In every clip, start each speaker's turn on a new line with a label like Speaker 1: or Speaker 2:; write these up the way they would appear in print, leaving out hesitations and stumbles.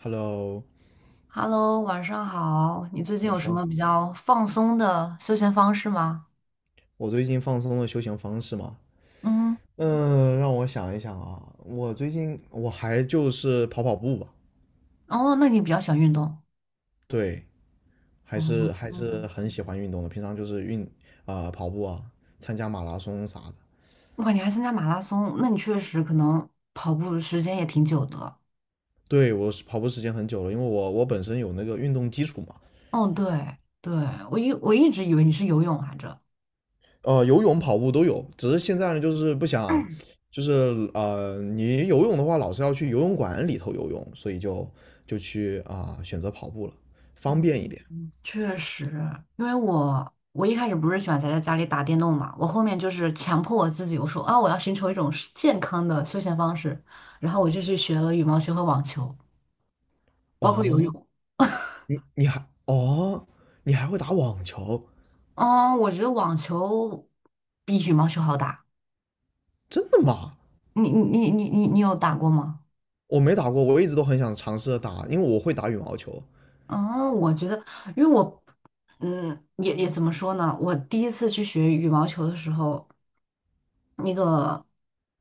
Speaker 1: Hello，
Speaker 2: Hello，晚上好。你最近
Speaker 1: 晚
Speaker 2: 有什
Speaker 1: 上
Speaker 2: 么比
Speaker 1: 好，
Speaker 2: 较放松的休闲方式吗？
Speaker 1: 我最近放松的休闲方式嘛，
Speaker 2: 嗯，
Speaker 1: 让我想一想啊，我最近还就是跑跑步吧。
Speaker 2: 哦，那你比较喜欢运动。
Speaker 1: 对，还是
Speaker 2: 嗯
Speaker 1: 还是
Speaker 2: 嗯，
Speaker 1: 很喜欢运动的，平常就是跑步啊，参加马拉松啥的。
Speaker 2: 我感觉还参加马拉松，那你确实可能跑步时间也挺久的了。
Speaker 1: 对，我是跑步时间很久了，因为我本身有那个运动基础嘛。
Speaker 2: 哦，对对，我一直以为你是游泳来着。
Speaker 1: 游泳、跑步都有，只是现在呢就是不想，你游泳的话老是要去游泳馆里头游泳，所以就选择跑步了，方
Speaker 2: 嗯，
Speaker 1: 便一点。
Speaker 2: 确实，因为我一开始不是喜欢宅在家里打电动嘛，我后面就是强迫我自己，我说啊，我要寻求一种是健康的休闲方式，然后我就去学了羽毛球和网球，包括游
Speaker 1: 哦，
Speaker 2: 泳。
Speaker 1: 你你还哦，你还会打网球？
Speaker 2: 嗯，我觉得网球比羽毛球好打。
Speaker 1: 真的吗？
Speaker 2: 你有打过吗？
Speaker 1: 我没打过，我一直都很想尝试着打，因为我会打羽毛球。
Speaker 2: 哦，我觉得，因为我，嗯，也怎么说呢？我第一次去学羽毛球的时候，那个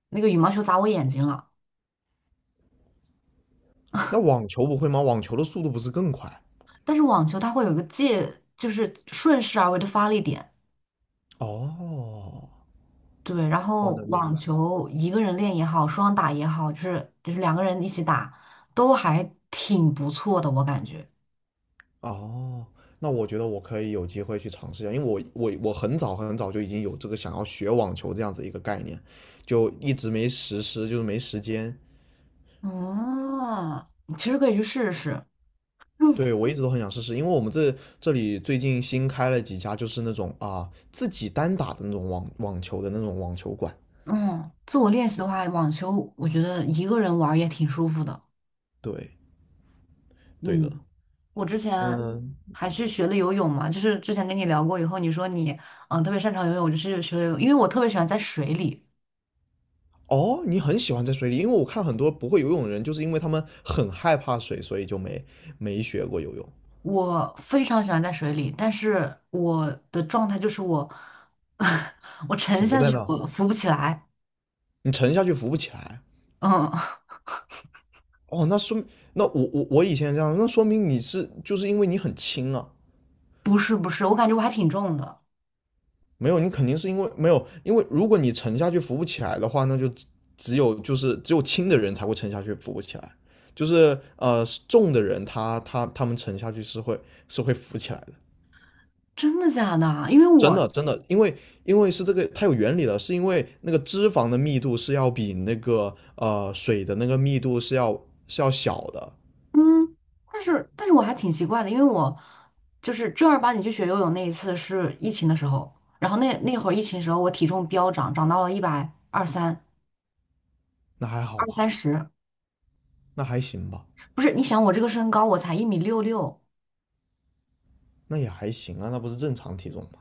Speaker 2: 那个羽毛球砸我眼睛了，
Speaker 1: 那网球不会吗？网球的速度不是更快？
Speaker 2: 但是网球它会有一个界，就是顺势而为的发力点。
Speaker 1: 哦，
Speaker 2: 对，然
Speaker 1: 我
Speaker 2: 后
Speaker 1: 能明
Speaker 2: 网
Speaker 1: 白。
Speaker 2: 球一个人练也好，双打也好，就是两个人一起打，都还挺不错的，我感觉。
Speaker 1: 哦，那我觉得我可以有机会去尝试一下，因为我很早很早就已经有这个想要学网球这样子一个概念，就一直没实施，就是没时间。
Speaker 2: 嗯，其实可以去试试。嗯，
Speaker 1: 对，我一直都很想试试，因为我们这里最近新开了几家，就是那种啊自己单打的那种网球馆。
Speaker 2: 嗯，自我练习的话，网球我觉得一个人玩儿也挺舒服的。
Speaker 1: 对，对的。
Speaker 2: 嗯，我之前
Speaker 1: 嗯。
Speaker 2: 还去学了游泳嘛，就是之前跟你聊过，以后你说你特别擅长游泳，我就是学了游泳，因为我特别喜欢在水里，
Speaker 1: 哦，你很喜欢在水里，因为我看很多不会游泳的人，就是因为他们很害怕水，所以就没学过游泳。
Speaker 2: 我非常喜欢在水里，但是我的状态就是我 我沉
Speaker 1: 浮
Speaker 2: 下
Speaker 1: 在
Speaker 2: 去，
Speaker 1: 那，
Speaker 2: 我浮不起来。
Speaker 1: 你沉下去浮不起来。
Speaker 2: 嗯，
Speaker 1: 哦，那说明那我以前这样，那说明你是就是因为你很轻啊。
Speaker 2: 不是不是，我感觉我还挺重的，
Speaker 1: 没有，你肯定是因为没有，因为如果你沉下去浮不起来的话，那就只有就是只有轻的人才会沉下去浮不起来，就是重的人他们沉下去是会浮起来的。
Speaker 2: 真的假的？因为
Speaker 1: 真
Speaker 2: 我
Speaker 1: 的真的，因为是这个它有原理的，是因为那个脂肪的密度是要比那个水的那个密度是要小的。
Speaker 2: 嗯，但是我还挺奇怪的，因为我就是正儿八经去学游泳那一次是疫情的时候，然后那会儿疫情的时候我体重飙涨，涨到了一百二三
Speaker 1: 那还好
Speaker 2: 二
Speaker 1: 吧，
Speaker 2: 三十，二三十
Speaker 1: 那还行吧。
Speaker 2: 不是，你想我这个身高我才1米66，
Speaker 1: 那也还行啊，那不是正常体重吗？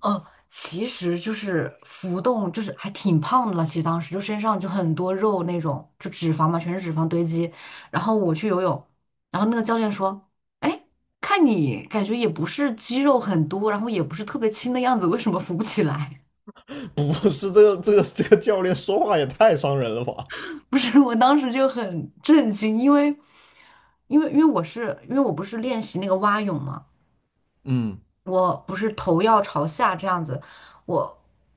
Speaker 2: 其实就是浮动，就是还挺胖的了。其实当时就身上就很多肉那种，就脂肪嘛，全是脂肪堆积。然后我去游泳，然后那个教练说："哎，看你感觉也不是肌肉很多，然后也不是特别轻的样子，为什么浮不起来？"
Speaker 1: 不是这个教练说话也太伤人了吧？
Speaker 2: 不是，我当时就很震惊，因为我不是练习那个蛙泳嘛，
Speaker 1: 嗯，
Speaker 2: 我不是头要朝下这样子，我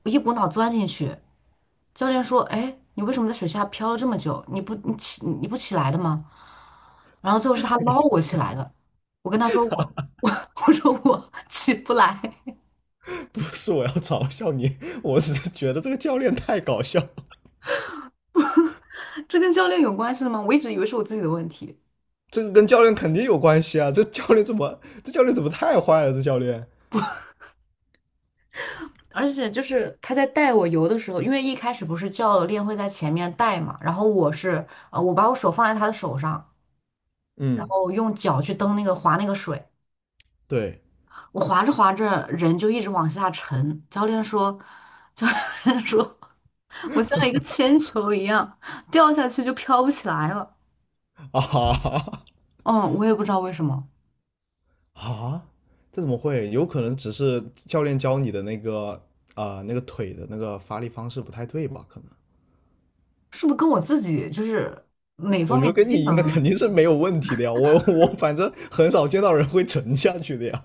Speaker 2: 我一股脑钻进去。教练说："哎，你为什么在水下漂了这么久？你不起来的吗？"然后最后是他捞我起来的。我跟他说我 我说我起不来，
Speaker 1: 不是我要嘲笑你，我只是觉得这个教练太搞笑。
Speaker 2: 这跟教练有关系吗？我一直以为是我自己的问题。
Speaker 1: 这个跟教练肯定有关系啊！这教练怎么，这教练怎么太坏了？这教练，
Speaker 2: 而且就是他在带我游的时候，因为一开始不是教练会在前面带嘛，然后我把我手放在他的手上，然
Speaker 1: 嗯，
Speaker 2: 后用脚去蹬那个划那个水，
Speaker 1: 对。
Speaker 2: 我滑着滑着人就一直往下沉，教练说，教练说，我像一个铅球一样掉下去就飘不起来了。
Speaker 1: 啊
Speaker 2: 嗯，我也不知道为什么，
Speaker 1: 啊，这怎么会？有可能只是教练教你的那个那个腿的那个发力方式不太对吧？可能
Speaker 2: 是不是跟我自己就是哪
Speaker 1: 我
Speaker 2: 方
Speaker 1: 觉
Speaker 2: 面
Speaker 1: 得跟
Speaker 2: 机
Speaker 1: 你应该肯
Speaker 2: 能？
Speaker 1: 定是没有问题的呀，我反正很少见到人会沉下去的呀。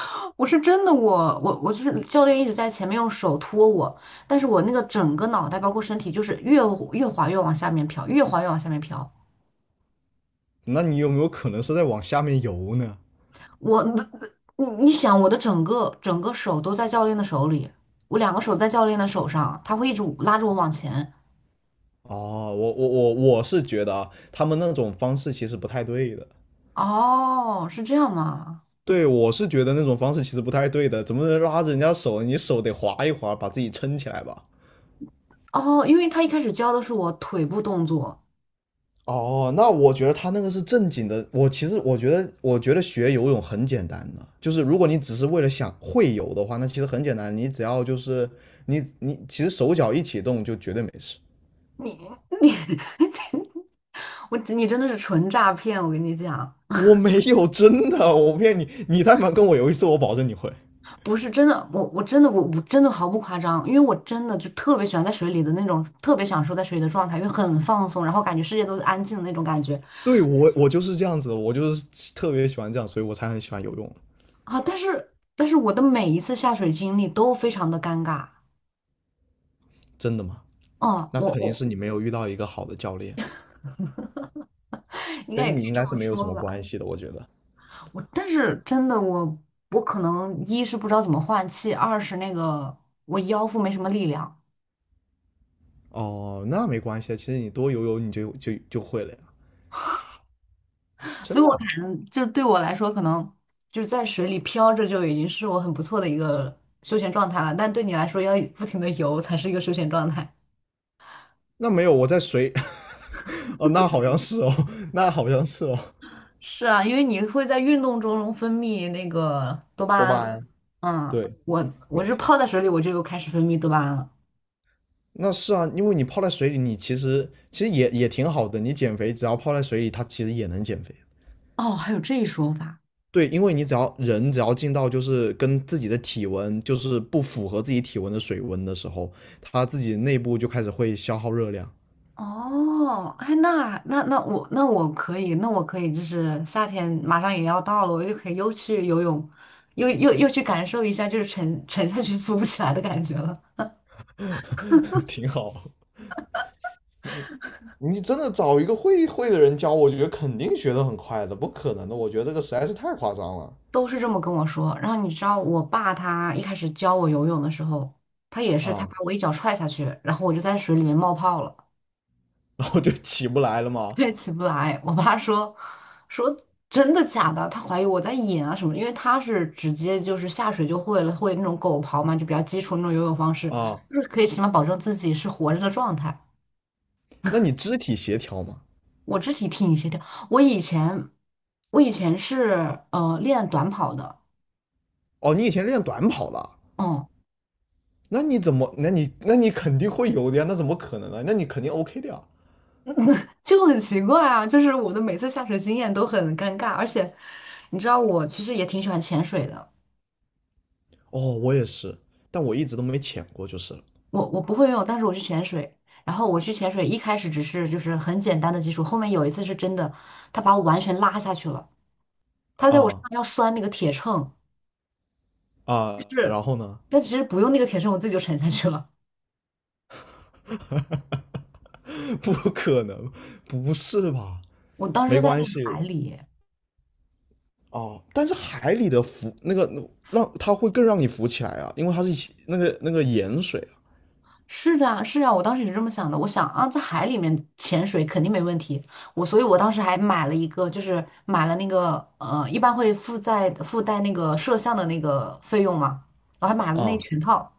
Speaker 2: 我是真的我，我我就是教练一直在前面用手托我，但是我那个整个脑袋包括身体就是越滑越往下面飘，越滑越往下面飘，
Speaker 1: 那你有没有可能是在往下面游呢？
Speaker 2: 我，你想，我的整个手都在教练的手里，我两个手在教练的手上，他会一直拉着我往前。
Speaker 1: 哦，我是觉得啊，他们那种方式其实不太对的。
Speaker 2: 哦，是这样吗？
Speaker 1: 对，我是觉得那种方式其实不太对的，怎么能拉着人家手？你手得划一划，把自己撑起来吧。
Speaker 2: 哦，因为他一开始教的是我腿部动作，
Speaker 1: 哦，那我觉得他那个是正经的。我觉得学游泳很简单的，就是如果你只是为了想会游的话，那其实很简单，你只要就是你其实手脚一起动就绝对没事。
Speaker 2: 你你 你真的是纯诈骗，我跟你讲，
Speaker 1: 我没有，真的，我骗你，你但凡跟我游一次，我保证你会。
Speaker 2: 不是真的，我真的毫不夸张，因为我真的就特别喜欢在水里的那种，特别享受在水里的状态，因为很放松，然后感觉世界都是安静的那种感觉
Speaker 1: 对，我就是这样子，我就是特别喜欢这样，所以我才很喜欢游泳。
Speaker 2: 啊。但是我的每一次下水经历都非常的尴尬。
Speaker 1: 真的吗？
Speaker 2: 哦，
Speaker 1: 那
Speaker 2: 我
Speaker 1: 肯定
Speaker 2: 我
Speaker 1: 是你没有遇到一个好的教练，
Speaker 2: 应该也
Speaker 1: 跟
Speaker 2: 可以
Speaker 1: 你应
Speaker 2: 这
Speaker 1: 该是
Speaker 2: 么
Speaker 1: 没有什
Speaker 2: 说
Speaker 1: 么
Speaker 2: 吧。
Speaker 1: 关系的，我觉得。
Speaker 2: 我但是真的我可能一是不知道怎么换气，二是那个我腰腹没什么力量，
Speaker 1: 哦，那没关系啊，其实你多游游你就会了呀。
Speaker 2: 所
Speaker 1: 真
Speaker 2: 以我
Speaker 1: 的啊，
Speaker 2: 可能就是对我来说，可能就是在水里漂着就已经是我很不错的一个休闲状态了。但对你来说，要不停的游才是一个休闲状态。
Speaker 1: 那没有，我在水，哦，那好像是哦，那好像是哦。
Speaker 2: 是啊，因为你会在运动中分泌那个多巴
Speaker 1: 多
Speaker 2: 胺
Speaker 1: 巴
Speaker 2: 嘛。
Speaker 1: 胺，
Speaker 2: 嗯，
Speaker 1: 对，
Speaker 2: 我
Speaker 1: 没
Speaker 2: 我是
Speaker 1: 错。
Speaker 2: 泡在水里，我就开始分泌多巴胺了。
Speaker 1: 那是啊，因为你泡在水里，你其实也挺好的。你减肥，只要泡在水里，它其实也能减肥。
Speaker 2: 哦，还有这一说法。
Speaker 1: 对，因为你只要人只要进到就是跟自己的体温就是不符合自己体温的水温的时候，他自己内部就开始会消耗热量。
Speaker 2: 哦，哎，那我可以，就是夏天马上也要到了，我就可以又去游泳，又去感受一下，就是沉下去浮不起来的感觉了。
Speaker 1: 挺好。嗯，你真的找一个会会的人教，我觉得肯定学得很快的，不可能的。我觉得这个实在是太夸张了。
Speaker 2: 都是这么跟我说。然后你知道，我爸他一开始教我游泳的时候，他也是他
Speaker 1: 啊，
Speaker 2: 把我一脚踹下去，然后我就在水里面冒泡了。
Speaker 1: 然后就起不来了嘛。
Speaker 2: 对，起不来。我爸说真的假的，他怀疑我在演啊什么的因为他是直接就是下水就会了，会那种狗刨嘛，就比较基础那种游泳方式，
Speaker 1: 啊。
Speaker 2: 就是可以起码保证自己是活着的状态。
Speaker 1: 那你肢体协调嘛？
Speaker 2: 我肢体挺协调，我以前我以前是练短跑的，
Speaker 1: 哦，你以前练短跑的，
Speaker 2: 嗯，
Speaker 1: 那你怎么？那你肯定会有的呀，那怎么可能呢？那你肯定 OK 的呀。
Speaker 2: 就很奇怪啊，就是我的每次下水经验都很尴尬，而且你知道我其实也挺喜欢潜水的。
Speaker 1: 哦，我也是，但我一直都没潜过，就是了。
Speaker 2: 我不会游泳，但是我去潜水。然后我去潜水，一开始只是就是很简单的基础，后面有一次是真的，他把我完全拉下去了，他在我身
Speaker 1: 啊
Speaker 2: 上要拴那个铁秤，
Speaker 1: 啊，
Speaker 2: 是，
Speaker 1: 然后呢？
Speaker 2: 但其实不用那个铁秤，我自己就沉下去了。
Speaker 1: 不可能，不是吧？
Speaker 2: 我当
Speaker 1: 没
Speaker 2: 时在
Speaker 1: 关
Speaker 2: 那个海
Speaker 1: 系。
Speaker 2: 里，
Speaker 1: 哦，但是海里的浮那个让它会更让你浮起来啊，因为它是一那个盐水
Speaker 2: 是的啊，是啊，我当时也是这么想的，我想啊，在海里面潜水肯定没问题，我所以我当时还买了一个，就是买了那个一般会附在附带那个摄像的那个费用嘛，我还买了
Speaker 1: 啊。
Speaker 2: 那一
Speaker 1: 啊。
Speaker 2: 全套。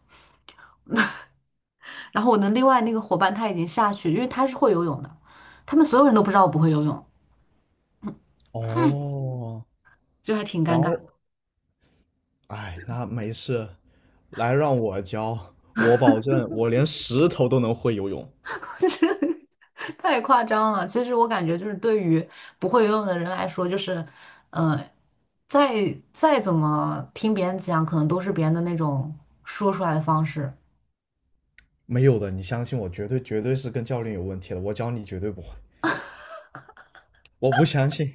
Speaker 2: 然后我的另外那个伙伴他已经下去，因为他是会游泳的，他们所有人都不知道我不会游泳，
Speaker 1: 哦，
Speaker 2: 就还挺
Speaker 1: 然
Speaker 2: 尴尬，
Speaker 1: 后哎，那没事，来让我教，我保证我连石头都能会游泳。
Speaker 2: 太夸张了。其实我感觉就是对于不会游泳的人来说，就是呃，再怎么听别人讲，可能都是别人的那种说出来的方式。
Speaker 1: 没有的，你相信我，绝对绝对是跟教练有问题了，我教你绝对不会。我不相信，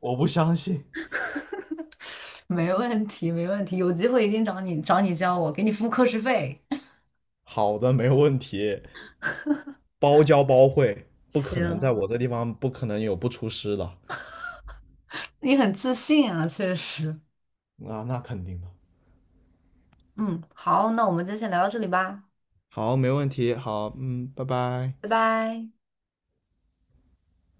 Speaker 1: 我不相信。
Speaker 2: 没问题，没问题，有机会一定找你教我，给你付课时费。
Speaker 1: 好的，没问题，包教包会，不可能在
Speaker 2: 行，
Speaker 1: 我这地方不可能有不出师的。
Speaker 2: 你很自信啊，确实。
Speaker 1: 啊，那肯定的。
Speaker 2: 嗯，好，那我们就先聊到这里吧，
Speaker 1: 好，没问题。好，嗯，拜拜。
Speaker 2: 拜拜。